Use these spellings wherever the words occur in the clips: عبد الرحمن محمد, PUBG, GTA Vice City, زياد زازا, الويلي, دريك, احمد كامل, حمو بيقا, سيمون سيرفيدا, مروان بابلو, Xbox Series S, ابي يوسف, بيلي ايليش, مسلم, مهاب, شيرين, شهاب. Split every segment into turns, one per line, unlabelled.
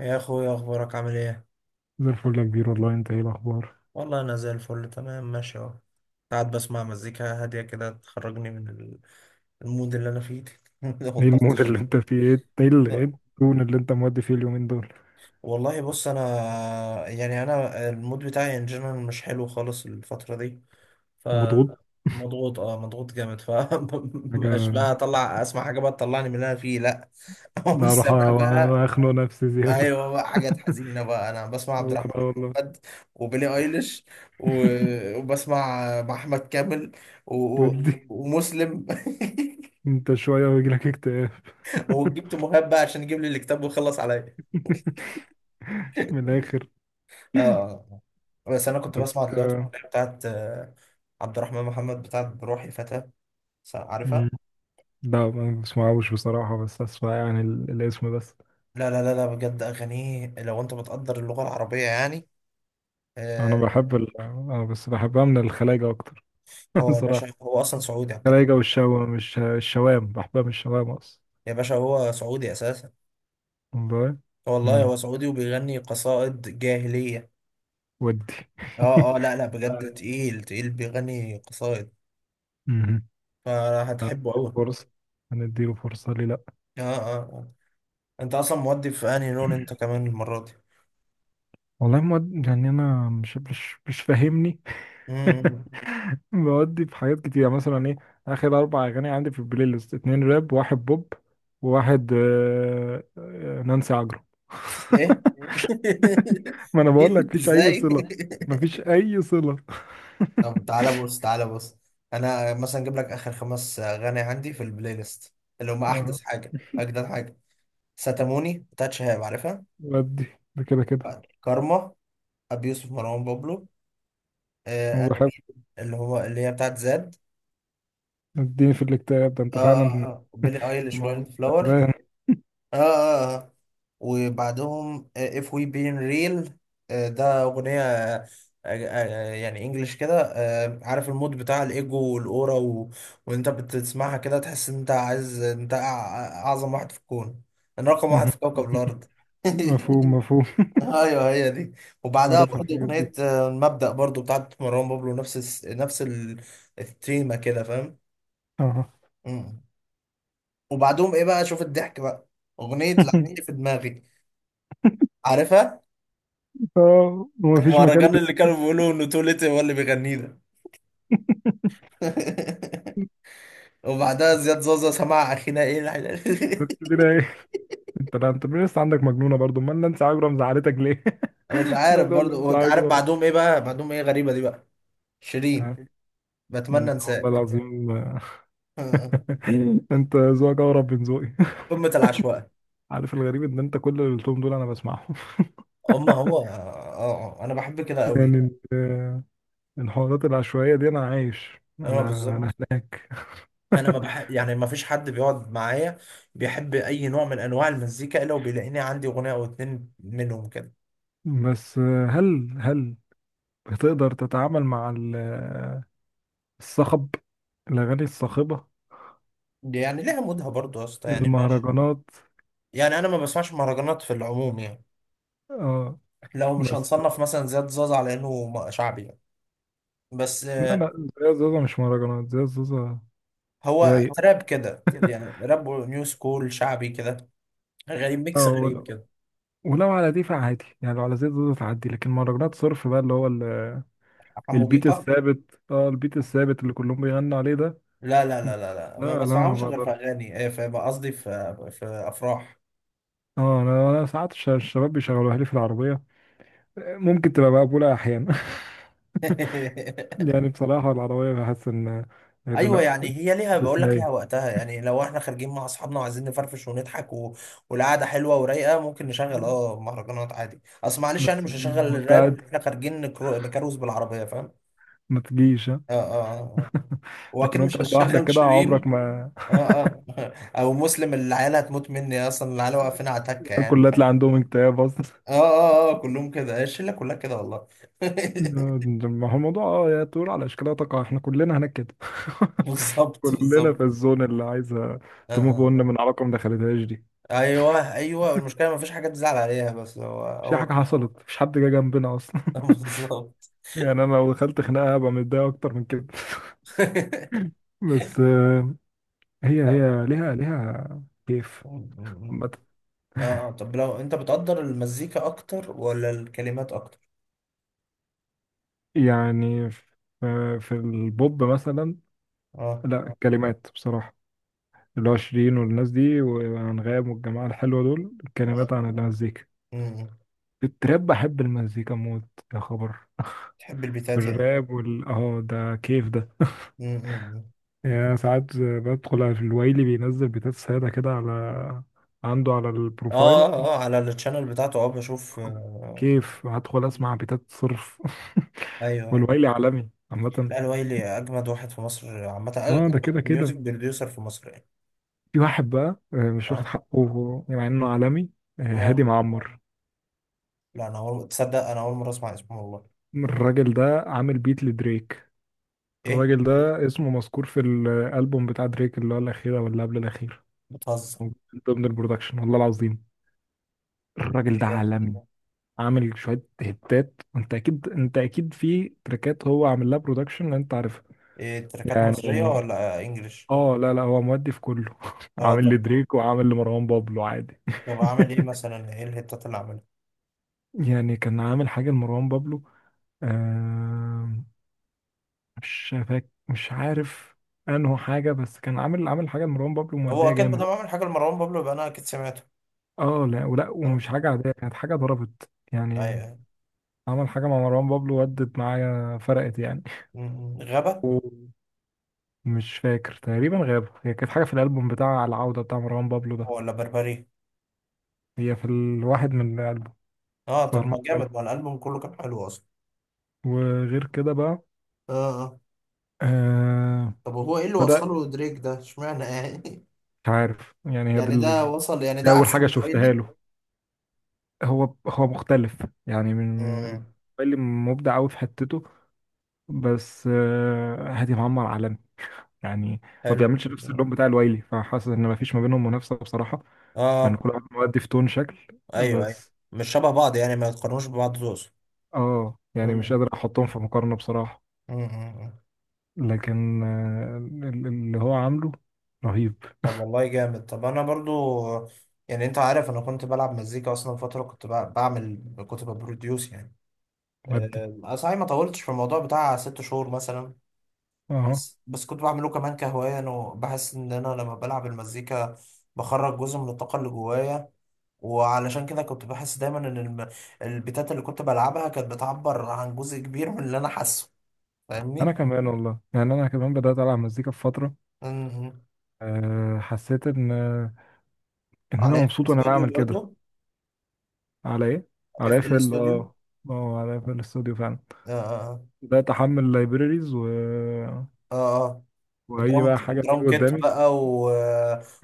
يا اخويا، اخبارك عامل ايه؟
زي الفل يا كبير، والله انت ايه الاخبار؟
والله انا زي الفل، تمام، ماشي اهو. قاعد بسمع مزيكا هاديه كده تخرجني من المود اللي انا فيه.
ايه
والضغط،
المود اللي
الشغل.
انت فيه؟ ايه
لا،
التون اللي انت مودي فيه اليومين دول؟
والله بص. انا يعني انا المود بتاعي ان جنرال مش حلو خالص الفتره دي.
مضغوط.
فمضغوط اه مضغوط جامد. ف مش
حاجة.
بقى اطلع اسمع حاجه بقى تطلعني من اللي انا فيه. لا، اقوم
لا، اروح
سامع بقى
اخنق نفسي زيادة.
ايوه بقى حاجات حزينه بقى. انا بسمع
هو
عبد الرحمن
ده والله.
محمد، وبيلي ايليش، وبسمع احمد كامل، و...
ودي.
ومسلم.
انت شوية ويجيلك اكتئاب.
وجبت مهاب بقى عشان يجيب لي الكتاب ويخلص عليا.
من الاخر.
اه. آه. بس انا كنت
بس
بسمع دلوقتي الأغنية بتاعت عبد الرحمن محمد، بتاعت بروحي فتى. عارفها؟
مم. لا، ما بسمعوش بصراحة، بس اسمع يعني الاسم بس.
لا، بجد اغانيه لو انت بتقدر اللغه العربيه يعني. آه،
انا بس بحبها من الخلايجة اكتر.
هو يا باشا،
بصراحة.
هو اصلا سعودي، عبد الرحمن.
الخلايجة والشوا، مش الشوام، بحبها من الشوام اصلا.
يا باشا، هو سعودي اساسا.
والله.
والله هو سعودي وبيغني قصائد جاهلية.
ودي.
اه. اه. لا لا بجد تقيل، تقيل، بيغني قصائد.
مهم.
فهتحبه
هنديله
أوي.
فرصة، هنديله فرصة ليه لأ؟
اه. اه. آه. انت اصلا مودي في انهي لون انت، كمان المرة دي؟
والله مواد، يعني أنا مش فاهمني.
امم
بودي في حاجات كتير، يعني مثلا إيه؟ آخر أربع أغاني عندي في البلاي ليست اتنين راب، واحد بوب، وواحد نانسي عجرم.
ايه؟
ما أنا بقول لك
جن
مفيش أي
ازاي؟
صلة. مفيش أي صلة.
طب تعالى بص، تعالى بص. انا مثلا اجيب لك اخر خمس اغاني عندي في البلاي ليست، اللي هم
آه،
احدث حاجة، اجدد حاجة. ستاموني بتاعت شهاب، عارفها.
ودي. ده كده كده.
كارما، ابي يوسف، مروان بابلو. آه، انا
وبحب.
مين اللي هو اللي هي بتاعت زاد.
اديني في الاكتئاب ده أنت
اه. اه.
فعلا.
اه بيلي ايليش
ما-
وايلد فلاور.
تعبان.
اه. اه. اه. وبعدهم اف وي بين ريل. ده اغنيه، آه، يعني انجلش كده. عارف المود بتاع الايجو والاورا وانت بتسمعها كده تحس ان انت عايز انت اعظم واحد في الكون. انا رقم واحد في كوكب الارض.
مفهوم مفهوم.
ايوه، هي دي. وبعدها
عارفها
برضو
الحاجات
اغنيه،
دي.
المبدأ، برضو بتاعت مروان بابلو، نفس نفس التيمه كده، فاهم؟
اه.
مم. وبعدهم ايه بقى، شوف الضحك بقى، اغنيه لعبتي
جميل.
في دماغي، عارفها؟
اه، ومفيش مكان
المهرجان اللي كانوا بيقولوا انه توليت هو اللي بيغنيه ده. وبعدها زياد زازا سمع اخينا ايه الحلال.
كده ايه؟ انت، لا، انت لسه عندك مجنونه برضو؟ امال نانسي عجرم زعلتك ليه؟
مش
لا
عارف
تقول نانسي
برضو، عارف
عجرم.
بعدهم ايه بقى، بعدهم ايه غريبه دي بقى، شيرين،
آه.
بتمنى
انت والله
انساك.
العظيم. انت ذوقك اقرب من ذوقي.
قمه العشوائيه.
عارف الغريب ان انت كل اللي قلتهم دول انا بسمعهم.
اما هو، آه. انا بحب كده قوي.
يعني الحوارات العشوائيه دي انا عايش.
انا
انا اه انا.
بالظبط. انا ما بح... يعني ما فيش حد بيقعد معايا بيحب اي نوع من انواع المزيكا الا وبيلاقيني عندي اغنيه او اتنين منهم كده.
بس هل بتقدر تتعامل مع الصخب؟ الاغاني الصاخبه.
دي يعني ليها مودها برضه يا اسطى، يعني ماشي.
المهرجانات.
يعني انا ما بسمعش مهرجانات في العموم يعني.
اه.
لو مش
بس.
هنصنف مثلا زياد زازا على انه شعبي يعني. بس،
لا، لا، زي زوزة مش مهرجانات، زي زوزة
هو
رايق
تراب كده،
كده.
يعني راب نيو سكول شعبي كده، غريب، ميكس
اه
غريب
ولو,
كده.
ولو على دي فعادي، يعني لو على زي زوزة تعدي. لكن مهرجانات صرف بقى، اللي هو
حمو
البيت
بيقا؟
الثابت، اه، البيت الثابت اللي كلهم بيغنوا عليه ده.
لا،
لا،
ما
لا، ما
بسمعهمش غير في
بقدرش.
اغاني، في، قصدي في افراح.
اه، انا ساعات الشباب بيشغلوها لي في العربية، ممكن تبقى مقبولة احيانا. يعني بصراحة العربية بحس ان إيه ده،
ايوه،
لا.
يعني هي ليها، بقول لك ليها
تسلاي.
وقتها. يعني لو احنا خارجين مع اصحابنا وعايزين نفرفش ونضحك والقعده حلوه ورايقه، ممكن نشغل اه مهرجانات عادي. اصل معلش يعني
بس
مش هشغل
وانت
الراب
قاعد
واحنا خارجين نكروز بالعربيه، فاهم؟
ما تجيش. آه.
اه. اه. آه. واكيد
لكن انت
مش
تطلع لوحدك
هشغل
كده
شيرين.
عمرك ما...
اه. اه. او مسلم، العيال هتموت مني اصلا، العيال واقفين على تكه يعني.
الكل هتلاقي عندهم اكتئاب اصلا.
اه. اه. اه كلهم كده، الشله كلها كده والله.
ما هو الموضوع، اه، يا طول على اشكالها تقع، احنا كلنا هناك كده.
بالظبط،
كلنا في
بالظبط.
الزون اللي عايزه
اه.
تموف اون
آه.
من علاقه ما دخلتهاش دي.
ايوه، ايوه، المشكله ما فيش حاجه تزعل عليها، بس هو
مش اي
هو
حاجه
كده.
حصلت، مفيش حد جه جنبنا اصلا.
بالظبط.
يعني انا لو دخلت خناقه هبقى متضايق اكتر من كده. بس هي
اه.
هي ليها كيف. عامه.
طب لو انت بتقدر المزيكا اكتر ولا الكلمات اكتر؟
يعني في البوب مثلا،
اه.
لا، كلمات بصراحه. اللي هو شيرين والناس دي وأنغام والجماعة الحلوة دول،
آه.
الكلمات عن المزيكا.
امم
التراب بحب المزيكا موت. يا خبر.
تحب البيتات يعني؟
الراب وال ده كيف ده.
امم
يعني ساعات بدخل على الويلي، بينزل بيتات سادة كده على عنده على البروفايل،
اه، اه،
اه،
على التشانل بتاعته. اه، بشوف.
كيف هدخل اسمع بيتات صرف.
ايوه، ايوه.
والويلي عالمي عامة.
لا، الويلي اجمد واحد في مصر عامه، اجمد
اه، ده كده
ميوزك
كده.
بروديوسر في مصر يعني.
في واحد بقى مش واخد
اه.
حقه مع انه عالمي.
اه.
هادي معمر.
لا انا تصدق انا اول مره اسمع اسمه والله.
الراجل ده عامل بيت لدريك.
ايه؟
الراجل ده اسمه مذكور في الالبوم بتاع دريك، اللي هو الاخير او اللي قبل الاخير.
بتهزر!
من ضمن البرودكشن والله العظيم. الراجل
ده
ده
جامد ده.
عالمي. عامل شويه هتات. انت اكيد، انت اكيد في تراكات هو عامل لها برودكشن انت عارفها.
ايه، تراكات مصريه
يعني
ولا انجليش؟
اه، لا، لا، هو مودي في كله.
اه،
عامل
طب،
لدريك وعامل لمروان بابلو عادي.
طب عامل ايه مثلا، ايه الهيتات اللي عاملها؟
يعني كان عامل حاجه لمروان بابلو، آه مش فاك، مش عارف انه حاجه، بس كان عامل، حاجه لمروان بابلو
هو
موديه
اكيد بدل
جامد.
ما عمل حاجه لمروان بابلو يبقى انا اكيد سمعته.
اه، لا، ولا
اه.
ومش حاجة عادية، كانت حاجة ضربت يعني.
ايوه.
عمل حاجة مع مروان بابلو ودت معايا، فرقت يعني.
م- م. غابه؟
ومش فاكر تقريبا، غابوا، هي كانت حاجة في الألبوم بتاع العودة بتاع مروان بابلو ده.
ولا بربري؟
هي في الواحد من الألبوم.
اه، طب
ظهر معايا
ما
في
جامد،
الألبوم.
ما الالبوم كله كان حلو اصلا.
وغير كده بقى.
اه. اه.
آه
طب هو ايه اللي
بدأ.
وصله دريك ده، اشمعنى يعني؟
مش عارف يعني، هي دي،
يعني ده وصل، يعني
دي
ده
أول
احسن
حاجة
من
شفتها
ويلي؟
له. هو مختلف، يعني من
امم
اللي مبدع أوي في حتته. بس آه، هادي معمر عالمي يعني. ما
حلو
بيعملش نفس اللون
جدا.
بتاع الوايلي، فحاسس ان ما فيش ما بينهم منافسه بصراحه. لان
اه.
كل واحد مؤدي في تون شكل.
ايوه، ايوه.
بس
مش شبه بعض يعني، ما يتقارنوش ببعض، تقصد؟
اه يعني مش
مم.
قادر احطهم في مقارنه بصراحه.
مم. مم.
لكن اللي هو عامله رهيب.
طب والله جامد. طب انا برضو، يعني انت عارف انا كنت بلعب مزيكا اصلا فتره، كنت بعمل، كنت ببروديوس يعني.
مؤدي.
أنا صحيح ما طولتش في الموضوع بتاع ست شهور مثلا،
اه،
بس كنت بعمله كمان كهواية، أنا. وبحس إن أنا لما بلعب المزيكا بخرج جزء من الطاقة اللي جوايا، وعلشان كده كنت بحس دايما إن البيتات اللي كنت بلعبها كانت بتعبر عن جزء كبير من اللي أنا حاسه،
انا
فاهمني؟
كمان والله، يعني انا كمان بدات العب مزيكا في فتره.
مهم.
حسيت ان ان انا
على اف
مبسوط وانا
الاستوديو
بعمل كده.
برضه.
على ايه؟ على
اف
ايفل،
الاستوديو.
اه. اه، على ايفل الاستوديو فعلا.
اه. اه.
بدات احمل لايبريريز، و...
اه. آه.
واي
درام
بقى حاجه
درام
تيجي
كيت
قدامي
بقى، و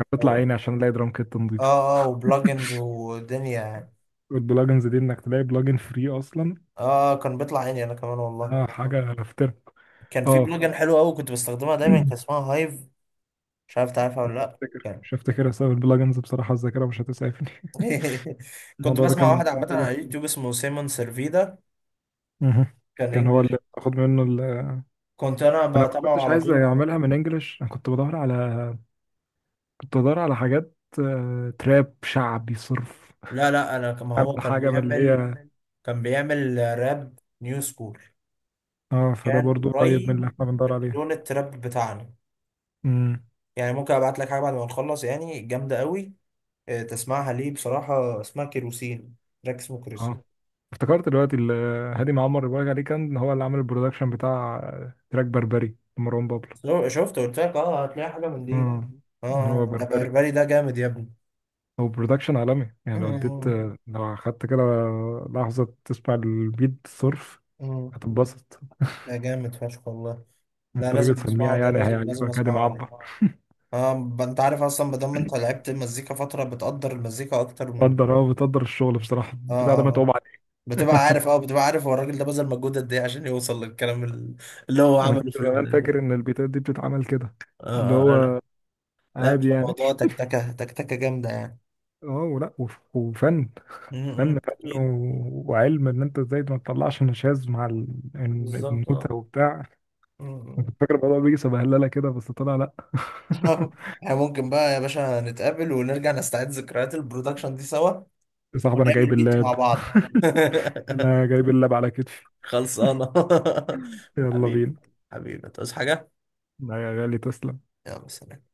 هتطلع
و-
عيني عشان الاقي درام كيت نضيفه.
اه. اه وبلجنز ودنيا يعني.
والبلجنز دي انك تلاقي بلجن فري اصلا.
اه. آه. كان بيطلع عيني انا كمان والله.
اه، حاجه افتر.
كان في بلوجر
اه.
حلو قوي كنت بستخدمها دايما، كان اسمها هايف، مش عارف تعرفها ولا لا،
افتكر،
كان.
مش هفتكر اسباب البلجنز بصراحه، الذاكره مش هتسعفني.
كنت
الموضوع ده كان
بسمع
من
واحد
بتاع
عامة
ثلاث
على
سنين
يوتيوب اسمه سيمون سيرفيدا.
مهم.
كان
كان هو
انجلش.
اللي باخد منه ال...
كنت انا
انا ما
بتابعه
كنتش
على
عايز
طول.
اعملها من انجلش، انا كنت بدور على... كنت بدور على حاجات تراب شعبي صرف.
لا، لا، انا كما
اعمل
هو كان
حاجه من اللي
بيعمل،
هي...
كان بيعمل راب نيو سكول.
اه، فده
كان
برضو قريب من اللي
قريب
احنا بندور
من
عليها.
لون التراب بتاعنا.
مم.
يعني ممكن ابعت لك حاجة بعد ما نخلص يعني، جامدة قوي، تسمعها ليه بصراحة. اسمها كيروسين، تراك اسمه
اه،
كيروسين.
افتكرت دلوقتي هادي معمر اللي بقولك عليه كان هو اللي عمل البرودكشن بتاع تراك بربري لمروان بابلو.
شو- شفت قلت لك اه هتلاقي حاجة من دي
امم
اه.
هو اه
آه. ده
بربري.
بربري ده، جامد يا ابني.
هو برودكشن عالمي، يعني لو اديت
مم.
اه لو اخدت كده لحظة تسمع البيت صرف،
مم.
هتتبسط.
ده جامد فشخ والله. لا
انت راجل
لازم
سميع،
اسمعه ده،
يعني
لازم، لازم
هيعجبك هادي
اسمعه يعني.
معبر.
اه. انت عارف اصلا ما دام انت لعبت مزيكا فترة بتقدر المزيكا اكتر من.
بتقدر الشغل بصراحة،
اه.
البتاع
اه.
ده
آه.
متعوب عليه.
بتبقى عارف، اه بتبقى عارف هو الراجل ده بذل مجهود قد ايه عشان يوصل للكلام اللي هو
انا كنت
عمله في
زمان فاكر ان البيتات دي بتتعمل كده،
اه.
اللي
اه. آه.
هو
لا، مش
عادي يعني.
موضوع، تكتكة، تكتكة جامدة يعني.
اه، ولا، وف- وفن
مم،
فن فن
اكيد.
و- وعلم ان انت ازاي ما تطلعش نشاز مع
بالظبط. اه.
النوتة وبتاع.
مم،
كنت
مم.
فاكر الموضوع بيجي سبهلله كده، بس طلع لا.
احنا ممكن بقى يا باشا نتقابل ونرجع نستعيد ذكريات البرودكشن دي سوا،
يا صاحبي، انا جايب
ونعمل بيت مع
اللاب.
بعض.
انا جايب اللاب على كتفي.
خلصانة.
يلا
حبيبي،
بينا.
حبيبي، تصحى حاجة؟
لا يا غالي، تسلم.
يلا سلام.